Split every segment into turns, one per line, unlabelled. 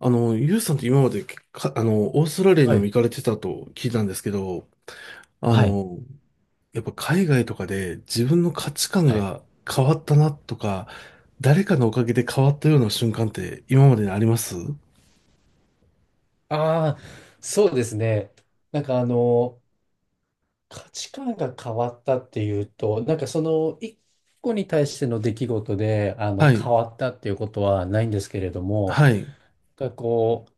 ユウさんって今までか、あの、オーストラリアに
は
も行
い。
かれてたと聞いたんですけど、あ
はい。
の、やっぱ海外とかで自分の価値観
はい。
が変わったなとか、誰かのおかげで変わったような瞬間って今までにあります？
ああ、そうですね。なんかあの、価値観が変わったっていうと、なんかその一個に対しての出来事で、
は
変
い、
わったっていうことはないんですけれども、
はい、
なんかこう、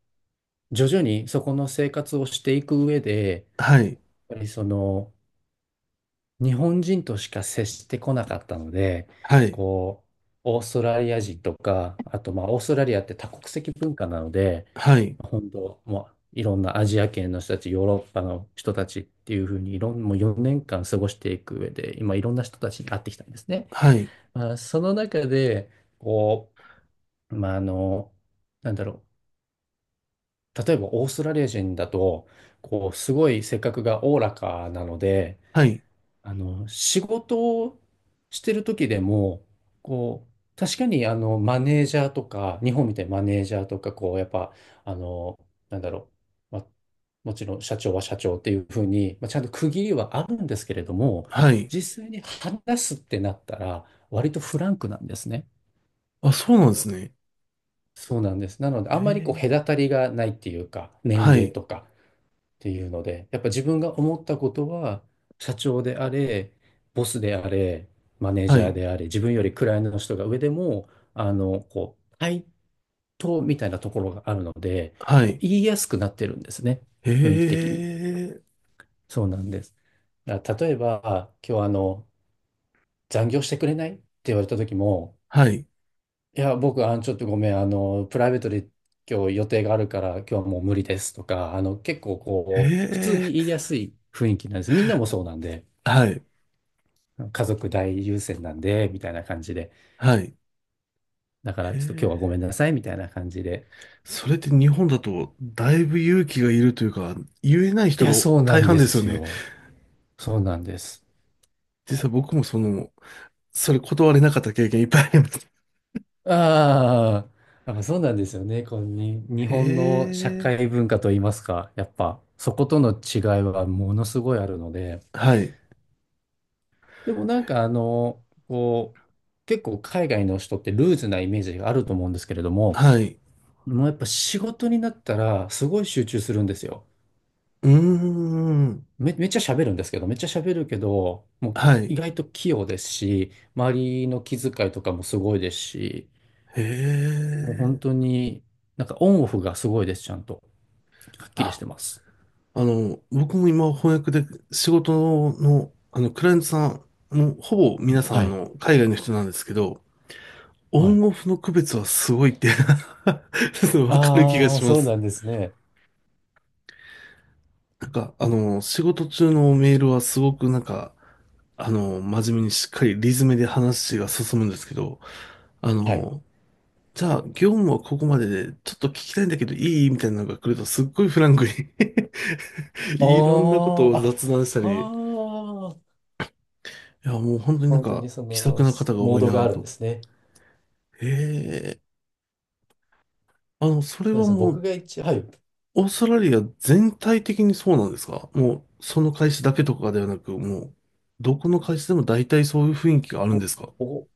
徐々にそこの生活をしていく上で、
はい、
やっぱりその、日本人としか接してこなかったので、
はい、
こオーストラリア人とか、あとまあ、オーストラリアって多国籍文化なので、
はい、
本当、もういろんなアジア圏の人たち、ヨーロッパの人たちっていうふうにいろん、もう4年間過ごしていく上で、今いろんな人たちに会ってきたんですね。
はい、
まあ、その中で、こう、まあ、あの、なんだろ例えばオーストラリア人だと、すごい性格がおおらかなので、
はい、
仕事をしてる時でも、こう、確かにマネージャーとか、日本みたいにマネージャーとか、こう、やっぱ、あの、なんだろう、まあ、もちろん社長は社長っていうふうに、まあ、ちゃんと区切りはあるんですけれども、
はい。
実際に話すってなったら、割とフランクなんですね。
あ、そうなんですね。
そうなんです。なので、
え
あんまり、
ー、
隔たりがないっていうか、年
は
齢
い、
とか。っていうので、やっぱ自分が思ったことは、社長であれ、ボスであれ、マネー
は
ジャー
い、
であれ、自分よりクライアントの人が上でも、対等みたいなところがあるので、
はい、
言いやすくなってるんですね。
え
雰囲気的に。
ー、
そうなんです。だから例えば、今日、残業してくれないって言われた時も、
はい、
いや、僕、ちょっとごめん、プライベートで今日予定があるから、今日はもう無理ですとか、結構こう、普通に言い
え
やすい雰囲気なんです。みんなもそうなんで、
ー、はい、
家族大優先なんで、みたいな感じで。
はい、
だか
え
ら、ちょっと今日はごめん
ー、
なさい、みたいな感じで。
それって日本だとだいぶ勇気がいるというか、言えない
い
人
や、
が
そうな
大
ん
半
で
ですよ
す
ね。
よ。そうなんです。
実は僕もそれ断れなかった経験いっぱいあります。
ああ、やっぱそうなんですよね。このに、日
へ
本の社会
え。
文化といいますか、やっぱ、そことの違いはものすごいあるので、
はい。
でも、結構海外の人ってルーズなイメージがあると思うんですけれども、
はい。
もうやっぱ仕事になったらすごい集中するんですよ。
うーん。
めっちゃ喋るんですけど、めっちゃ喋るけど、もう
はい。
意外と器用ですし、周りの気遣いとかもすごいですし、
へ
もう本
え。
当になんかオンオフがすごいです、ちゃんと。はっきりし
あ、
てます。
僕も今翻訳で仕事の、クライアントさんもうほぼ皆さん
はい。
海外の人なんですけど、オ
はい。
ンオフの区別はすごいって わかる気が
ああ、
しま
そう
す。
なんですね。
なんか、仕事中のメールはすごくなんか、真面目にしっかりリズムで話が進むんですけど、あ
はい。
の、じゃあ、業務はここまでで、ちょっと聞きたいんだけどいいみたいなのが来ると、すっごいフランクに
あ
いろんなことを
あ、
雑談した
あ、
り、い
はあ。
や、もう本当になん
本当
か、
にそ
気さく
の、
な方が
モ
多
ー
い
ドが
な
あるん
と。
ですね。
へえ、それ
そうで
は
すね。
も
僕
う、
が一、はい。
オーストラリア全体的にそうなんですか？もう、その会社だけとかではなく、もう、どこの会社でも大体そういう雰囲気があるん
お
ですか？
お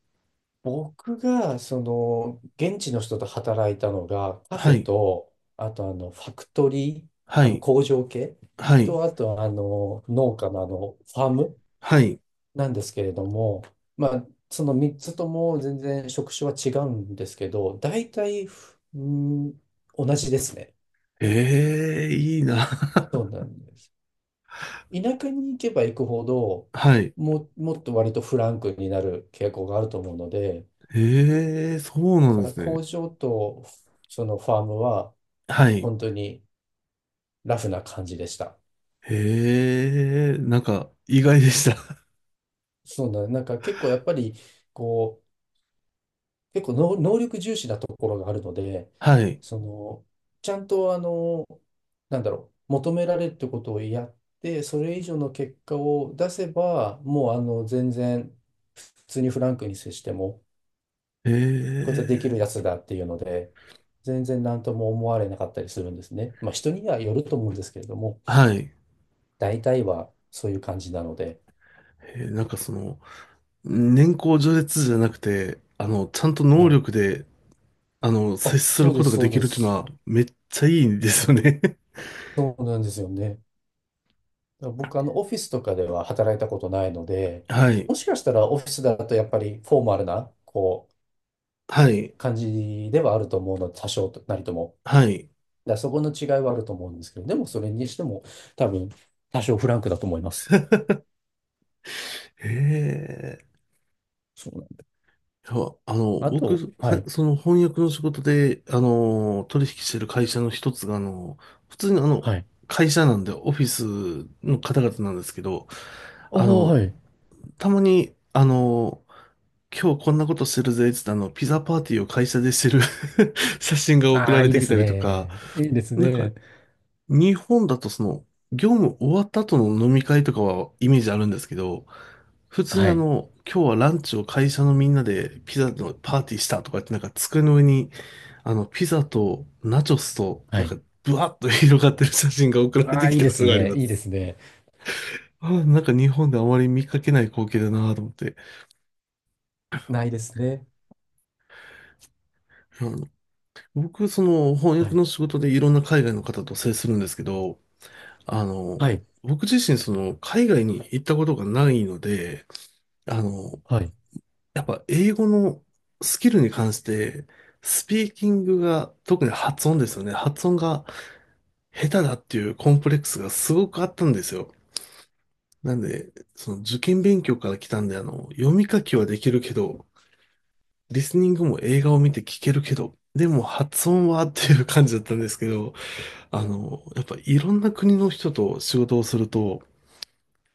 僕が、その、現地の人と働いたのが、カフ
は
ェ
い、
と、あと、あの、ファクトリー、
は
あの、
い、
工場系
はい、
と、あと、あの、農家の、あの、ファーム
はい。
なんですけれども、まあ、その3つとも全然職種は違うんですけど、大体、うん、同じですね。
ええ、いいな。
そうなんです。田舎に行けば行くほど、
はい。
もっと割とフランクになる傾向があると思うので、
ええ、そう
だ
なん
か
で
ら
すね。
工場とそのファームは
はい。
本当にラフな感じでした。
ええ、なんか、意外でした。
なんか結構やっぱり、こう、結構能力重視なところがあるので、
はい。
その、ちゃんとあの、求められるってことをやって、それ以上の結果を出せば、もう、全然、普通にフランクに接しても、
え
こいつはできるや
え、
つだっていうので、全然何とも思われなかったりするんですね。まあ人にはよると思うんですけれども、
はい。
大体はそういう感じなので、
なんか年功序列じゃなくて、ちゃんと
は
能
い。
力で、接
あ、
す
そ
る
うで
こ
す、
とが
そ
で
う
き
で
るっていうの
す。
は、めっちゃいいんですよね。
そうなんですよね。だから僕、あの、オフィスとかでは働いたことないので、
はい。
もしかしたらオフィスだとやっぱりフォーマルな、こう、
はい。
感じではあると思うので、多少なりとも。
はい。
だからそこの違いはあると思うんですけど、でもそれにしても多分多少フランクだと思います。
ええ。
そうなん
いや、
あ
僕、
と、は
は、
い、
その翻訳の仕事で、取引してる会社の一つが、普通に
はい。
会社なんで、オフィスの方々なんですけど、
ああ、
あの、
はい。
たまに、今日こんなことしてるぜ、つってピザパーティーを会社でしてる 写真が送
あ
ら
あ、
れ
いい
て
で
き
す
たりとか、
ね。いいです
なんか、
ね。
日本だと業務終わった後の飲み会とかはイメージあるんですけど、普通に
はい。
今日はランチを会社のみんなでピザのパーティーしたとかってなんか机の上に、ピザとナチョスと、
は
なんか
い。
ブワッと広がってる写真が送られ
あ
て
あ、
き
いい
た
で
こ
す
とがあり
ね。
ま
いいで
す。
すね。
なんか日本であまり見かけない光景だなと思って。
ないですね。
うん、僕、その翻
は
訳
い。
の仕事でいろんな海外の方と接するんですけど、あ
は
の、
い。
僕自身、海外に行ったことがないので、あの、
はい。
やっぱ英語のスキルに関して、スピーキングが、特に発音ですよね。発音が下手だっていうコンプレックスがすごくあったんですよ。なんで、その受験勉強から来たんで、読み書きはできるけど、リスニングも映画を見て聞けるけど、でも発音はっていう感じだったんですけど、やっぱいろんな国の人と仕事をすると、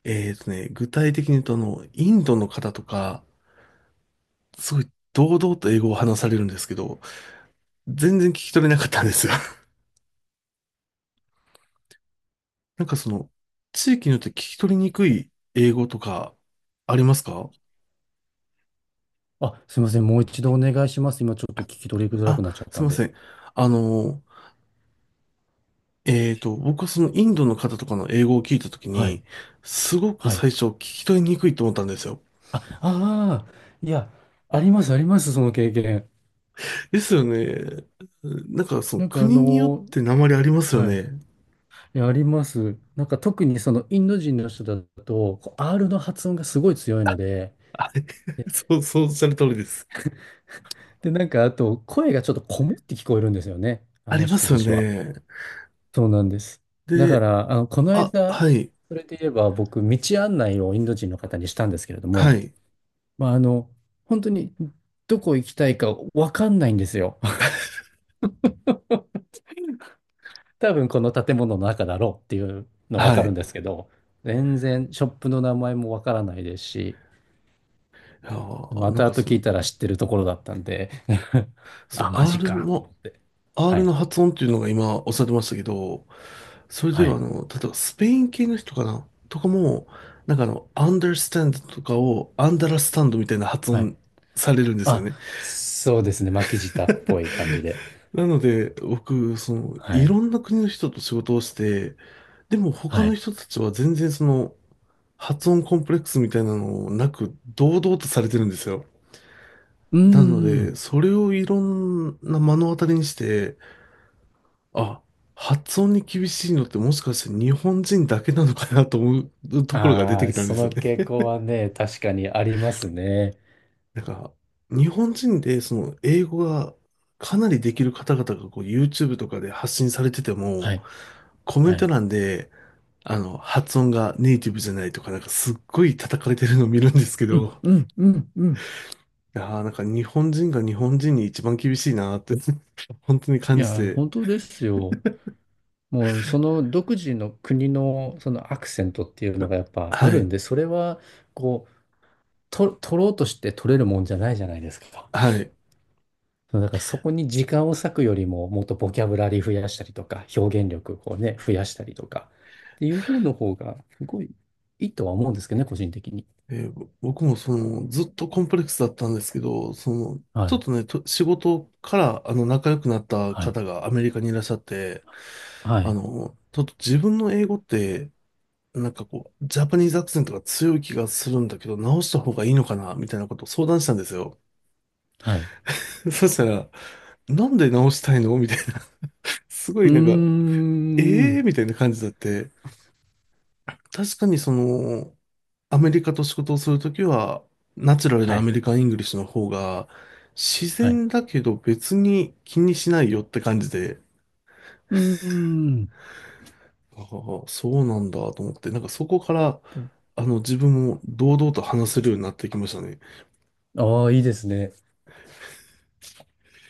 具体的に言うと、インドの方とか、すごい堂々と英語を話されるんですけど、全然聞き取れなかったんですよ。なんか地域によって聞き取りにくい英語とか、ありますか？
あ、すみません。もう一度お願いします。今ちょっと聞き取りづら
あ、
くなっちゃっ
す
た
い
ん
ませ
で。
ん。あの、僕はそのインドの方とかの英語を聞いたとき
はい。
に、すごく
はい。
最初聞き取りにくいと思ったんですよ。
あ、ああ、いや、あります、あります、その経験。
ですよね。なんかその
なんかあ
国によっ
の
て訛りありますよ
はい。い
ね。
や、あります。なんか特にそのインド人の人だと、こう R の発音がすごい強いので、
あれ そう、そうおっしゃる通りです。
で、なんかあと、声がちょっとこもって聞こえるんですよね。あ
あ
の
りま
人
す
た
よ
ちは。
ね。
そうなんです。だか
で、
ら、あの、この
あ、
間、
はい、
それで言えば僕、道案内をインド人の方にしたんですけれど
は
も、
い、
まあ、あの、本当にどこ行きたいかわかんないんですよ。多分この建物の中だろうっていうのはわ
は
かるん
い。
ですけど、全然ショップの名前もわからないですし、ま
なん
た
か
後聞いたら知ってるところだったんで
そ
あ、マ
の
ジ
R
かと思
の、
って。は
R の
い。
発音っていうのが今おっしゃってましたけど、それで
は
は
い。
例えばスペイン系の人かなとかも、なんかunderstand とかを understand みたいな発
はい。
音されるんですよ
あ、
ね。
そうですね。巻き舌っぽ い感じで。
なので、僕、
は
い
い。
ろんな国の人と仕事をして、でも他
は
の
い。
人たちは全然発音コンプレックスみたいなのなく、堂々とされてるんですよ。
うー
なので、
ん。
それをいろんな目の当たりにして、あ、発音に厳しいのってもしかして日本人だけなのかなと思うところが出
あ
て
あ、
きたんで
そ
すよ
の傾
ね。
向はね、確かにありますね。
なんか、日本人でその英語がかなりできる方々がこう YouTube とかで発信されてて
は
も、
い、
コメン
は
ト
い。
欄で、発音がネイティブじゃないとか、なんかすっごい叩かれてるのを見るんですけ
うん、
ど、
うん、うん、うん。
いやーなんか日本人が日本人に一番厳しいなーって 本当に
い
感じ
や、
て、
本当ですよ。もう、その独自の国の、そのアクセントっていうのがやっぱ
は
あるん
い、
で、それは、こう、取ろうとして取れるもんじゃないじゃないですか。
はい。
だからそこに時間を割くよりも、もっとボキャブラリー増やしたりとか、表現力をね、増やしたりとか、っていう方の方が、すごいいいとは思うんですけどね、個人的に。
えーぼ僕もその、ずっとコンプレックスだったんですけど、
は
ちょっ
い、
とね、と仕事から仲良くなった
はい、
方がアメリカにいらっしゃって、
はい、
ちょっと自分の英語って、なんかこう、ジャパニーズアクセントが強い気がするんだけど、直した方がいいのかなみたいなことを相談したんですよ。
はい。
そしたら、なんで直したいのみたいな、すご
う
いなんか、
ーん。
ええー、みたいな感じだって、確かにアメリカと仕事をするときは、ナチュラル
は
なア
い。
メリカン・イングリッシュの方が、自
はい。
然だけど別に気にしないよって感じで、
うーん。
ああ、そうなんだと思って、なんかそこから、自分も堂々と話せるようになってきましたね。
ああ、いいですね。だか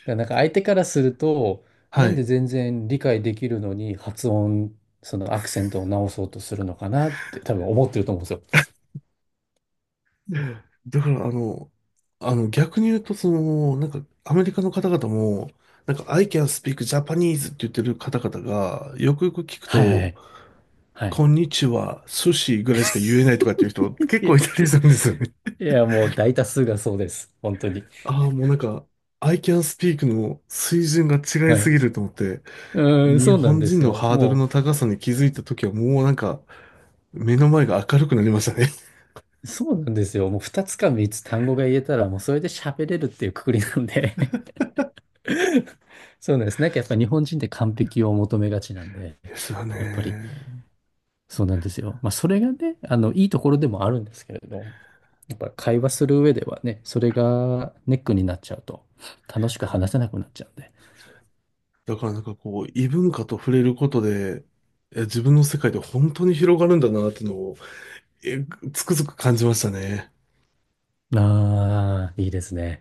らなんか相手からすると、
は
なんで
い。
全然理解できるのにそのアクセントを直そうとするのかなって多分思ってると思うんですよ。
だから、逆に言うと、なんか、アメリカの方々も、なんか、I can speak Japanese って言ってる方々が、よくよく聞く
はいはいは
と、
い。はい。
こんにちは、寿司ぐらいしか言えない とかっていう人結
いや、
構
い
いたり
や、
するんですよね。
いやもう大多数がそうです。本当に。
ああ、もうなんか、I can speak の水準が違い
は
す
い。
ぎると思って、
うーん、
日
そうなん
本
で
人
す
の
よ。
ハードル
も
の高さに気づいた時はもうなんか、目の前が明るくなりましたね。
う、そうなんですよ。もう2つか3つ単語が言えたら、もうそれで喋れるっていうくくりなんで。そうなんです。なんかやっぱり日本人って完璧を求めがちなんで、
ですよ
やっぱり
ね。
そうなんですよ。まあそれがね、あの、いいところでもあるんですけれど、やっぱ会話する上ではね、それがネックになっちゃうと、楽しく話せなくなっちゃうんで。
だからなんかこう、異文化と触れることで、自分の世界で本当に広がるんだなっていうのを、え、つくづく感じましたね。
ああ、いいですね。